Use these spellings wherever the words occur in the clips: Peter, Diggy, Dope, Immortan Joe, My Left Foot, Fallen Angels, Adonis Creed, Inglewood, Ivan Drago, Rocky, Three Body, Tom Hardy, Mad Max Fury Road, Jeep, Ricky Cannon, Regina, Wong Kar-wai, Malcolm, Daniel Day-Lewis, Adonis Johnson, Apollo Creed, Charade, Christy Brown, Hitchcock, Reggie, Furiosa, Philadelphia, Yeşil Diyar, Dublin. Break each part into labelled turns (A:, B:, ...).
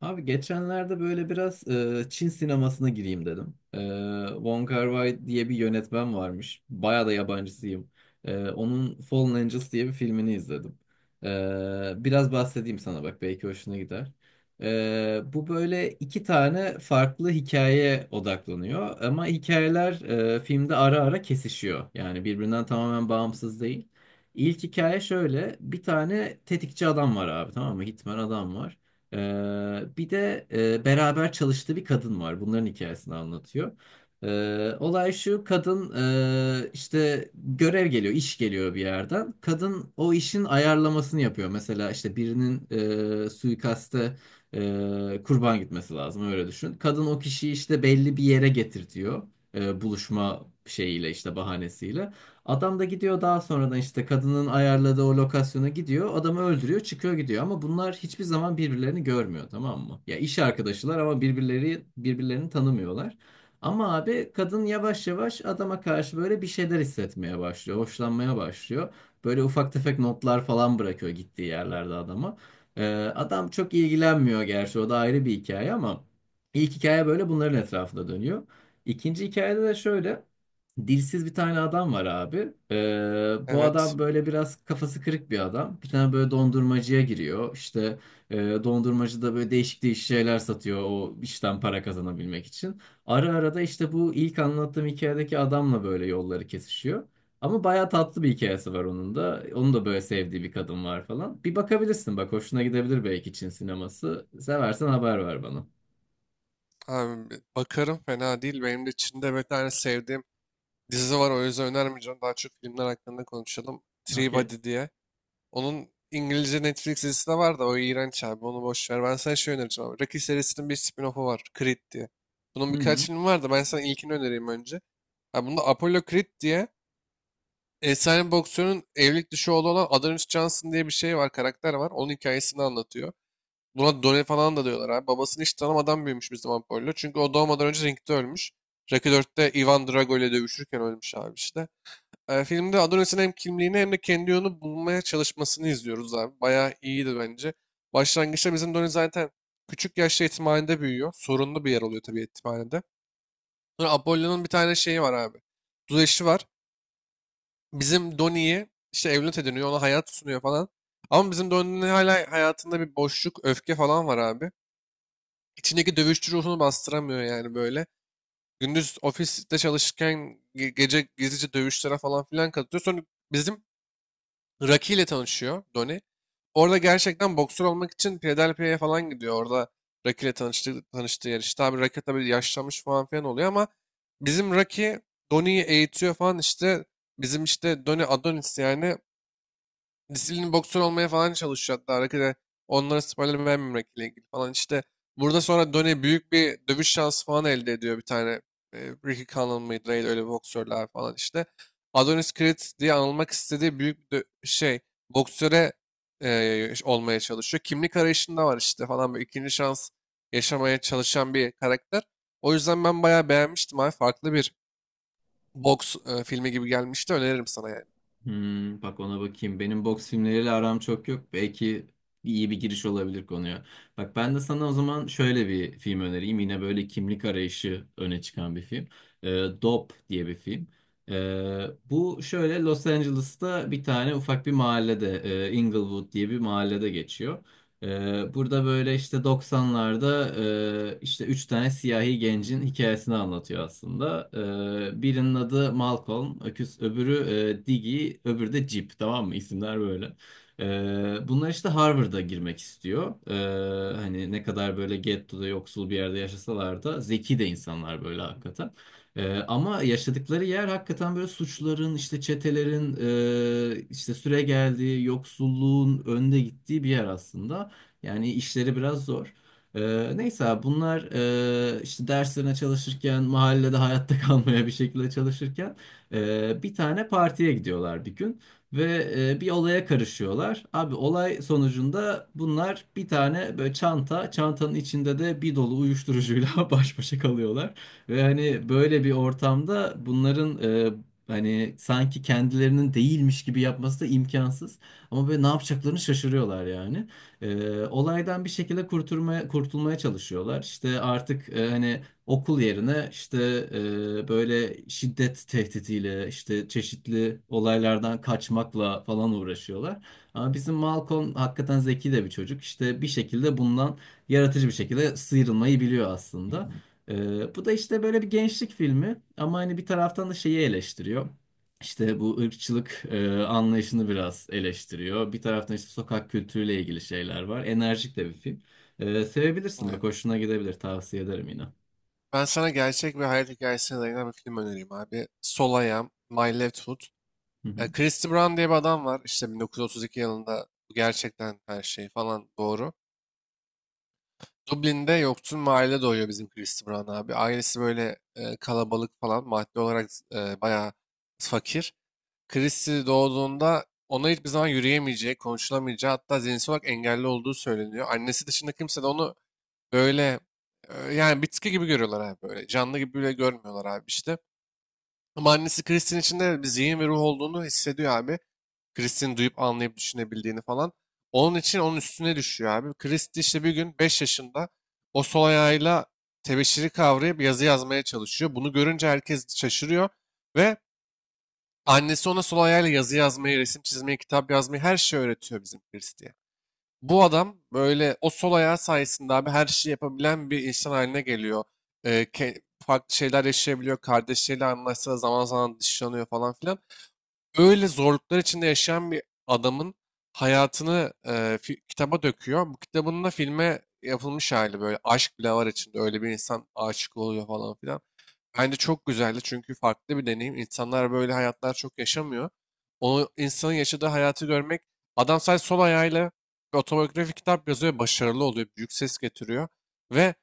A: Abi geçenlerde böyle biraz Çin sinemasına gireyim dedim. Wong Kar-wai diye bir yönetmen varmış. Bayağı da yabancısıyım. Onun Fallen Angels diye bir filmini izledim. Biraz bahsedeyim sana bak belki hoşuna gider. Bu böyle iki tane farklı hikayeye odaklanıyor. Ama hikayeler filmde ara ara kesişiyor. Yani birbirinden tamamen bağımsız değil. İlk hikaye şöyle. Bir tane tetikçi adam var abi, tamam mı? Hitman adam var. Bir de beraber çalıştığı bir kadın var. Bunların hikayesini anlatıyor. Olay şu, kadın işte görev geliyor, iş geliyor bir yerden. Kadın o işin ayarlamasını yapıyor. Mesela işte birinin suikaste kurban gitmesi lazım, öyle düşün. Kadın o kişiyi işte belli bir yere getirtiyor. Buluşma şeyiyle, işte bahanesiyle. Adam da gidiyor, daha sonradan işte kadının ayarladığı o lokasyona gidiyor. Adamı öldürüyor, çıkıyor gidiyor ama bunlar hiçbir zaman birbirlerini görmüyor, tamam mı? Ya iş arkadaşılar ama birbirleri birbirlerini tanımıyorlar. Ama abi kadın yavaş yavaş adama karşı böyle bir şeyler hissetmeye başlıyor, hoşlanmaya başlıyor. Böyle ufak tefek notlar falan bırakıyor gittiği yerlerde adama. Ee, Adam çok ilgilenmiyor, gerçi o da ayrı bir hikaye ama ilk hikaye böyle bunların etrafında dönüyor. İkinci hikayede de şöyle. Dilsiz bir tane adam var abi. Bu
B: Evet.
A: adam böyle biraz kafası kırık bir adam. Bir tane böyle dondurmacıya giriyor. İşte e, dondurmacı da böyle değişik değişik şeyler satıyor o işten para kazanabilmek için. Ara ara da işte bu ilk anlattığım hikayedeki adamla böyle yolları kesişiyor. Ama bayağı tatlı bir hikayesi var onun da. Onun da böyle sevdiği bir kadın var falan. Bir bakabilirsin, bak hoşuna gidebilir belki Çin sineması. Seversen haber ver bana.
B: Abi bakarım fena değil. Benim de Çin'de bir tane sevdiğim dizi var. O yüzden önermeyeceğim. Daha çok filmler hakkında konuşalım. Three
A: Okey.
B: Body diye. Onun İngilizce Netflix dizisi de var da o iğrenç abi. Onu boş ver. Ben sana şey önereceğim abi. Rocky serisinin bir spin-off'u var. Creed diye. Bunun
A: Hı
B: birkaç
A: hı.
B: filmi var da ben sana ilkini önereyim önce. Abi bunda Apollo Creed diye efsane boksörün evlilik dışı oğlu olan Adonis Johnson diye bir şey var. Karakter var. Onun hikayesini anlatıyor. Buna Done falan da diyorlar abi. Babasını hiç tanımadan büyümüş Müslüman Pollo. Çünkü o doğmadan önce ringde ölmüş. Rocky 4'te Ivan Drago ile dövüşürken ölmüş abi işte. Filmde Adonis'in hem kimliğini hem de kendi yolunu bulmaya çalışmasını izliyoruz abi. Bayağı iyiydi bence. Başlangıçta bizim Donnie zaten küçük yaşta yetimhanede büyüyor. Sorunlu bir yer oluyor tabii yetimhanede. Sonra Apollo'nun bir tane şeyi var abi. Duzeşi var. Bizim Donnie'yi işte evlat ediniyor. Ona hayat sunuyor falan. Ama bizim Donnie'nin hala hayatında bir boşluk, öfke falan var abi. İçindeki dövüşçü ruhunu bastıramıyor yani böyle. Gündüz ofiste çalışırken gece gizlice dövüşlere falan filan katılıyor. Sonra bizim Rocky ile tanışıyor Donnie. Orada gerçekten boksör olmak için Philadelphia'ya falan gidiyor. Orada Rocky ile tanıştığı yer. İşte abi Rocky tabii yaşlanmış falan filan oluyor ama bizim Rocky Donnie'yi eğitiyor falan işte. Bizim işte Donnie Adonis yani disiplin boksör olmaya falan çalışıyor hatta. Arkada onlara spoiler vermemekle ilgili falan. İşte burada sonra Donnie büyük bir dövüş şansı falan elde ediyor bir tane. E, Ricky Cannon mıydı neydi öyle bir boksörler falan işte. Adonis Creed diye anılmak istediği büyük bir şey boksöre olmaya çalışıyor. Kimlik arayışında var işte falan böyle ikinci şans yaşamaya çalışan bir karakter. O yüzden ben bayağı beğenmiştim abi. Farklı bir boks filmi gibi gelmişti. Öneririm sana yani.
A: Hmm, bak ona bakayım. Benim boks filmleriyle aram çok yok. Belki iyi bir giriş olabilir konuya. Bak ben de sana o zaman şöyle bir film önereyim. Yine böyle kimlik arayışı öne çıkan bir film. Ee, Dope diye bir film. Bu şöyle Los Angeles'ta bir tane ufak bir mahallede, Inglewood diye bir mahallede geçiyor. Burada böyle işte 90'larda işte üç tane siyahi gencin hikayesini anlatıyor aslında. Birinin adı Malcolm, öküz, öbürü Diggy, öbürü de Jeep, tamam mı? İsimler böyle. Bunlar işte Harvard'a girmek istiyor. Hani ne kadar böyle gettoda yoksul bir yerde yaşasalar da zeki de insanlar böyle, hakikaten. Ama yaşadıkları yer hakikaten böyle suçların, işte çetelerin, işte süre geldiği, yoksulluğun önde gittiği bir yer aslında. Yani işleri biraz zor. Neyse abi, bunlar işte derslerine çalışırken, mahallede hayatta kalmaya bir şekilde çalışırken bir tane partiye gidiyorlar bir gün ve bir olaya karışıyorlar. Abi olay sonucunda bunlar bir tane böyle çanta, çantanın içinde de bir dolu uyuşturucuyla baş başa kalıyorlar. Ve hani böyle bir ortamda bunların e, hani sanki kendilerinin değilmiş gibi yapması da imkansız. Ama böyle ne yapacaklarını şaşırıyorlar yani. Olaydan bir şekilde kurtulmaya çalışıyorlar. İşte artık hani okul yerine işte böyle şiddet tehditiyle işte çeşitli olaylardan kaçmakla falan uğraşıyorlar. Ama bizim Malcolm hakikaten zeki de bir çocuk. İşte bir şekilde bundan yaratıcı bir şekilde sıyrılmayı biliyor aslında. Bu da işte böyle bir gençlik filmi ama hani bir taraftan da şeyi eleştiriyor. İşte bu ırkçılık anlayışını biraz eleştiriyor. Bir taraftan işte sokak kültürüyle ilgili şeyler var. Enerjik de bir film. Sevebilirsin, bak
B: Evet.
A: hoşuna gidebilir, tavsiye ederim yine.
B: Ben sana gerçek bir hayat hikayesine dayanan bir film önereyim abi. Sol I My Left Foot.
A: Hı hı.
B: Christy Brown diye bir adam var. İşte 1932 yılında bu gerçekten her şey falan doğru. Dublin'de yoksul mahallede doğuyor bizim Christy Brown abi. Ailesi böyle kalabalık falan maddi olarak bayağı fakir. Christy doğduğunda ona hiçbir zaman yürüyemeyeceği, konuşulamayacağı hatta zihinsel olarak engelli olduğu söyleniyor. Annesi dışında kimse de onu böyle yani bitki gibi görüyorlar abi böyle. Canlı gibi bile görmüyorlar abi işte. Ama annesi Chris'in içinde bir zihin ve ruh olduğunu hissediyor abi. Chris'in duyup anlayıp düşünebildiğini falan. Onun için onun üstüne düşüyor abi. Chris de işte bir gün 5 yaşında o sol ayağıyla tebeşiri kavrayıp yazı yazmaya çalışıyor. Bunu görünce herkes şaşırıyor ve annesi ona sol ayağıyla yazı yazmayı, resim çizmeyi, kitap yazmayı her şeyi öğretiyor bizim Chris diye. Bu adam böyle o sol ayağı sayesinde abi her şeyi yapabilen bir insan haline geliyor. Farklı şeyler yaşayabiliyor. Kardeşleriyle anlaşsa da zaman zaman dışlanıyor falan filan. Öyle zorluklar içinde yaşayan bir adamın hayatını kitaba döküyor. Bu kitabın da filme yapılmış hali böyle. Aşk bile var içinde. Öyle bir insan aşık oluyor falan filan. Bence çok güzeldi çünkü farklı bir deneyim. İnsanlar böyle hayatlar çok yaşamıyor. O insanın yaşadığı hayatı görmek, adam sadece sol ayağıyla bir otobiyografik kitap yazıyor, ve başarılı oluyor, büyük ses getiriyor ve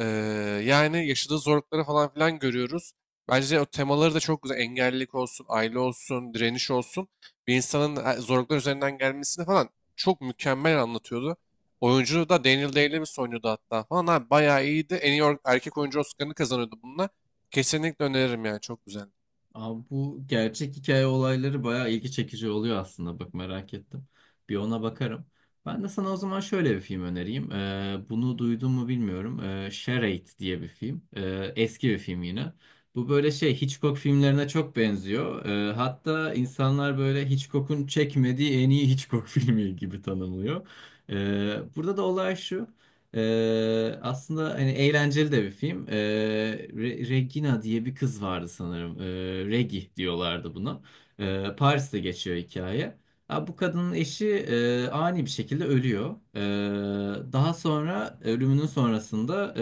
B: eee, yani yaşadığı zorlukları falan filan görüyoruz. Bence o temaları da çok güzel. Engellilik olsun, aile olsun, direniş olsun. Bir insanın zorluklar üzerinden gelmesini falan çok mükemmel anlatıyordu. Oyuncu da Daniel Day-Lewis oynuyordu hatta falan. Abi, bayağı iyiydi. En iyi erkek oyuncu Oscar'ını kazanıyordu bununla. Kesinlikle öneririm yani çok güzel.
A: Abi bu gerçek hikaye olayları bayağı ilgi çekici oluyor aslında. Bak merak ettim. Bir ona bakarım. Ben de sana o zaman şöyle bir film önereyim. Bunu duydun mu bilmiyorum. Charade diye bir film. Eski bir film yine. Bu böyle şey Hitchcock filmlerine çok benziyor. Hatta insanlar böyle Hitchcock'un çekmediği en iyi Hitchcock filmi gibi tanımlıyor. Burada da olay şu. Aslında hani eğlenceli de bir film. Regina diye bir kız vardı sanırım. Regi diyorlardı buna. Paris'te geçiyor hikaye. Ha, bu kadının eşi ani bir şekilde ölüyor. Daha sonra ölümünün sonrasında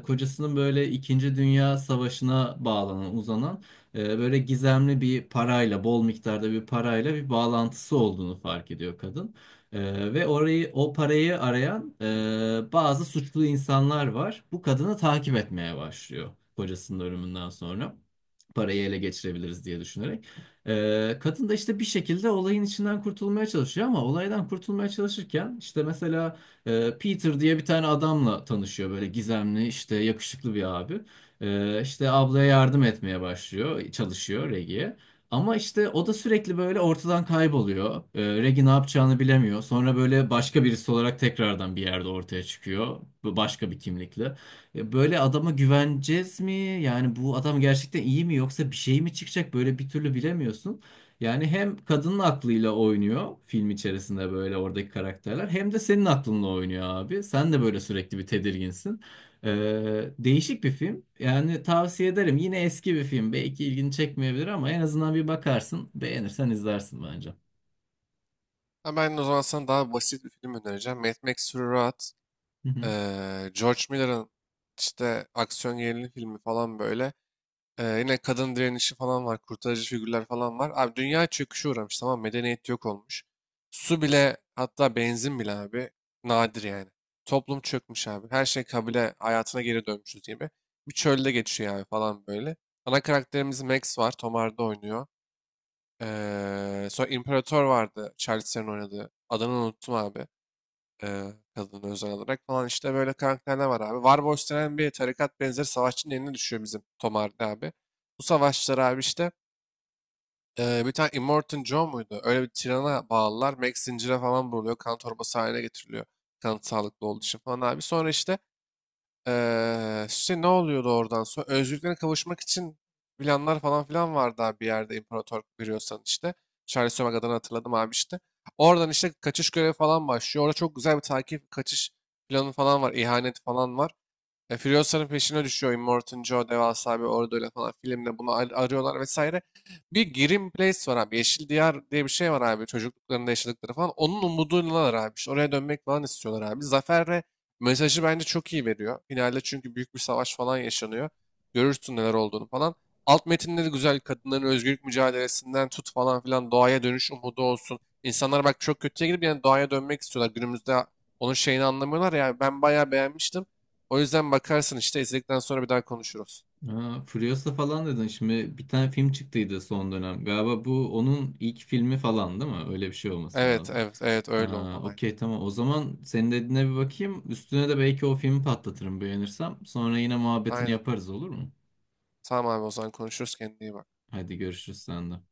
A: kocasının böyle İkinci Dünya Savaşı'na bağlanan, uzanan böyle gizemli bir parayla, bol miktarda bir parayla bir bağlantısı olduğunu fark ediyor kadın. Ve orayı o parayı arayan bazı suçlu insanlar var. Bu kadını takip etmeye başlıyor kocasının ölümünden sonra parayı ele geçirebiliriz diye düşünerek. Kadın da işte bir şekilde olayın içinden kurtulmaya çalışıyor ama olaydan kurtulmaya çalışırken işte mesela Peter diye bir tane adamla tanışıyor, böyle gizemli, işte yakışıklı bir abi. İşte ablaya yardım etmeye başlıyor, çalışıyor Reggie'ye. Ama işte o da sürekli böyle ortadan kayboluyor. Reggie ne yapacağını bilemiyor. Sonra böyle başka birisi olarak tekrardan bir yerde ortaya çıkıyor. Bu başka bir kimlikle. Ya böyle adama güveneceğiz mi? Yani bu adam gerçekten iyi mi, yoksa bir şey mi çıkacak? Böyle bir türlü bilemiyorsun. Yani hem kadının aklıyla oynuyor film içerisinde böyle oradaki karakterler, hem de senin aklınla oynuyor abi. Sen de böyle sürekli bir tedirginsin. Değişik bir film. Yani tavsiye ederim. Yine eski bir film. Belki ilgini çekmeyebilir ama en azından bir bakarsın. Beğenirsen izlersin bence.
B: Ha, ben o zaman sana daha basit bir film önereceğim. Mad Max Fury Road.
A: Hı hı.
B: George Miller'ın işte aksiyon gerilim filmi falan böyle. Yine kadın direnişi falan var. Kurtarıcı figürler falan var. Abi dünya çöküşe uğramış, tamam mı? Medeniyet yok olmuş. Su bile hatta benzin bile abi nadir yani. Toplum çökmüş abi. Her şey kabile hayatına geri dönmüşüz gibi. Bir çölde geçiyor yani falan böyle. Ana karakterimiz Max var. Tom Hardy oynuyor. Sonra İmparator vardı. Charlize'nin oynadığı. Adını unuttum abi. Kadını özel olarak falan işte böyle karakterler var abi. Warboss denen bir tarikat benzeri savaşçının eline düşüyor bizim Tom Hardy abi. Bu savaşçılar abi işte bir tane Immortan Joe muydu? Öyle bir tirana bağlılar. Max zincire falan vuruluyor. Kan torbası haline getiriliyor. Kanı sağlıklı olduğu için falan abi. Sonra işte işte ne oluyordu oradan sonra? Özgürlüklerine kavuşmak için planlar falan filan vardı abi, bir yerde imparator görüyorsan işte. Charles Sönmek adını hatırladım abi işte. Oradan işte kaçış görevi falan başlıyor. Orada çok güzel bir takip kaçış planı falan var. İhanet falan var. Furiosa'nın peşine düşüyor. Immortan Joe devasa bir orduyla falan filmde bunu arıyorlar vesaire. Bir Grim Place var abi. Yeşil Diyar diye bir şey var abi. Çocukluklarında yaşadıkları falan. Onun umuduylalar abi. İşte oraya dönmek falan istiyorlar abi. Zafer'le mesajı bence çok iyi veriyor. Finalde çünkü büyük bir savaş falan yaşanıyor. Görürsün neler olduğunu falan. Alt metinleri güzel. Kadınların özgürlük mücadelesinden tut falan filan doğaya dönüş umudu olsun. İnsanlar bak çok kötüye gidip yani doğaya dönmek istiyorlar. Günümüzde onun şeyini anlamıyorlar ya. Ben bayağı beğenmiştim. O yüzden bakarsın işte izledikten sonra bir daha konuşuruz.
A: Ha, Furiosa falan dedin. Şimdi bir tane film çıktıydı son dönem. Galiba bu onun ilk filmi falan, değil mi? Öyle bir şey olması
B: Evet,
A: lazım.
B: evet, evet, öyle
A: Ha,
B: olmalı. Aynen.
A: okey, tamam. O zaman senin dediğine bir bakayım. Üstüne de belki o filmi patlatırım beğenirsem. Sonra yine muhabbetini
B: Aynen.
A: yaparız, olur mu?
B: Tamam abi, o zaman konuşuruz, kendine iyi bak.
A: Hadi görüşürüz senden.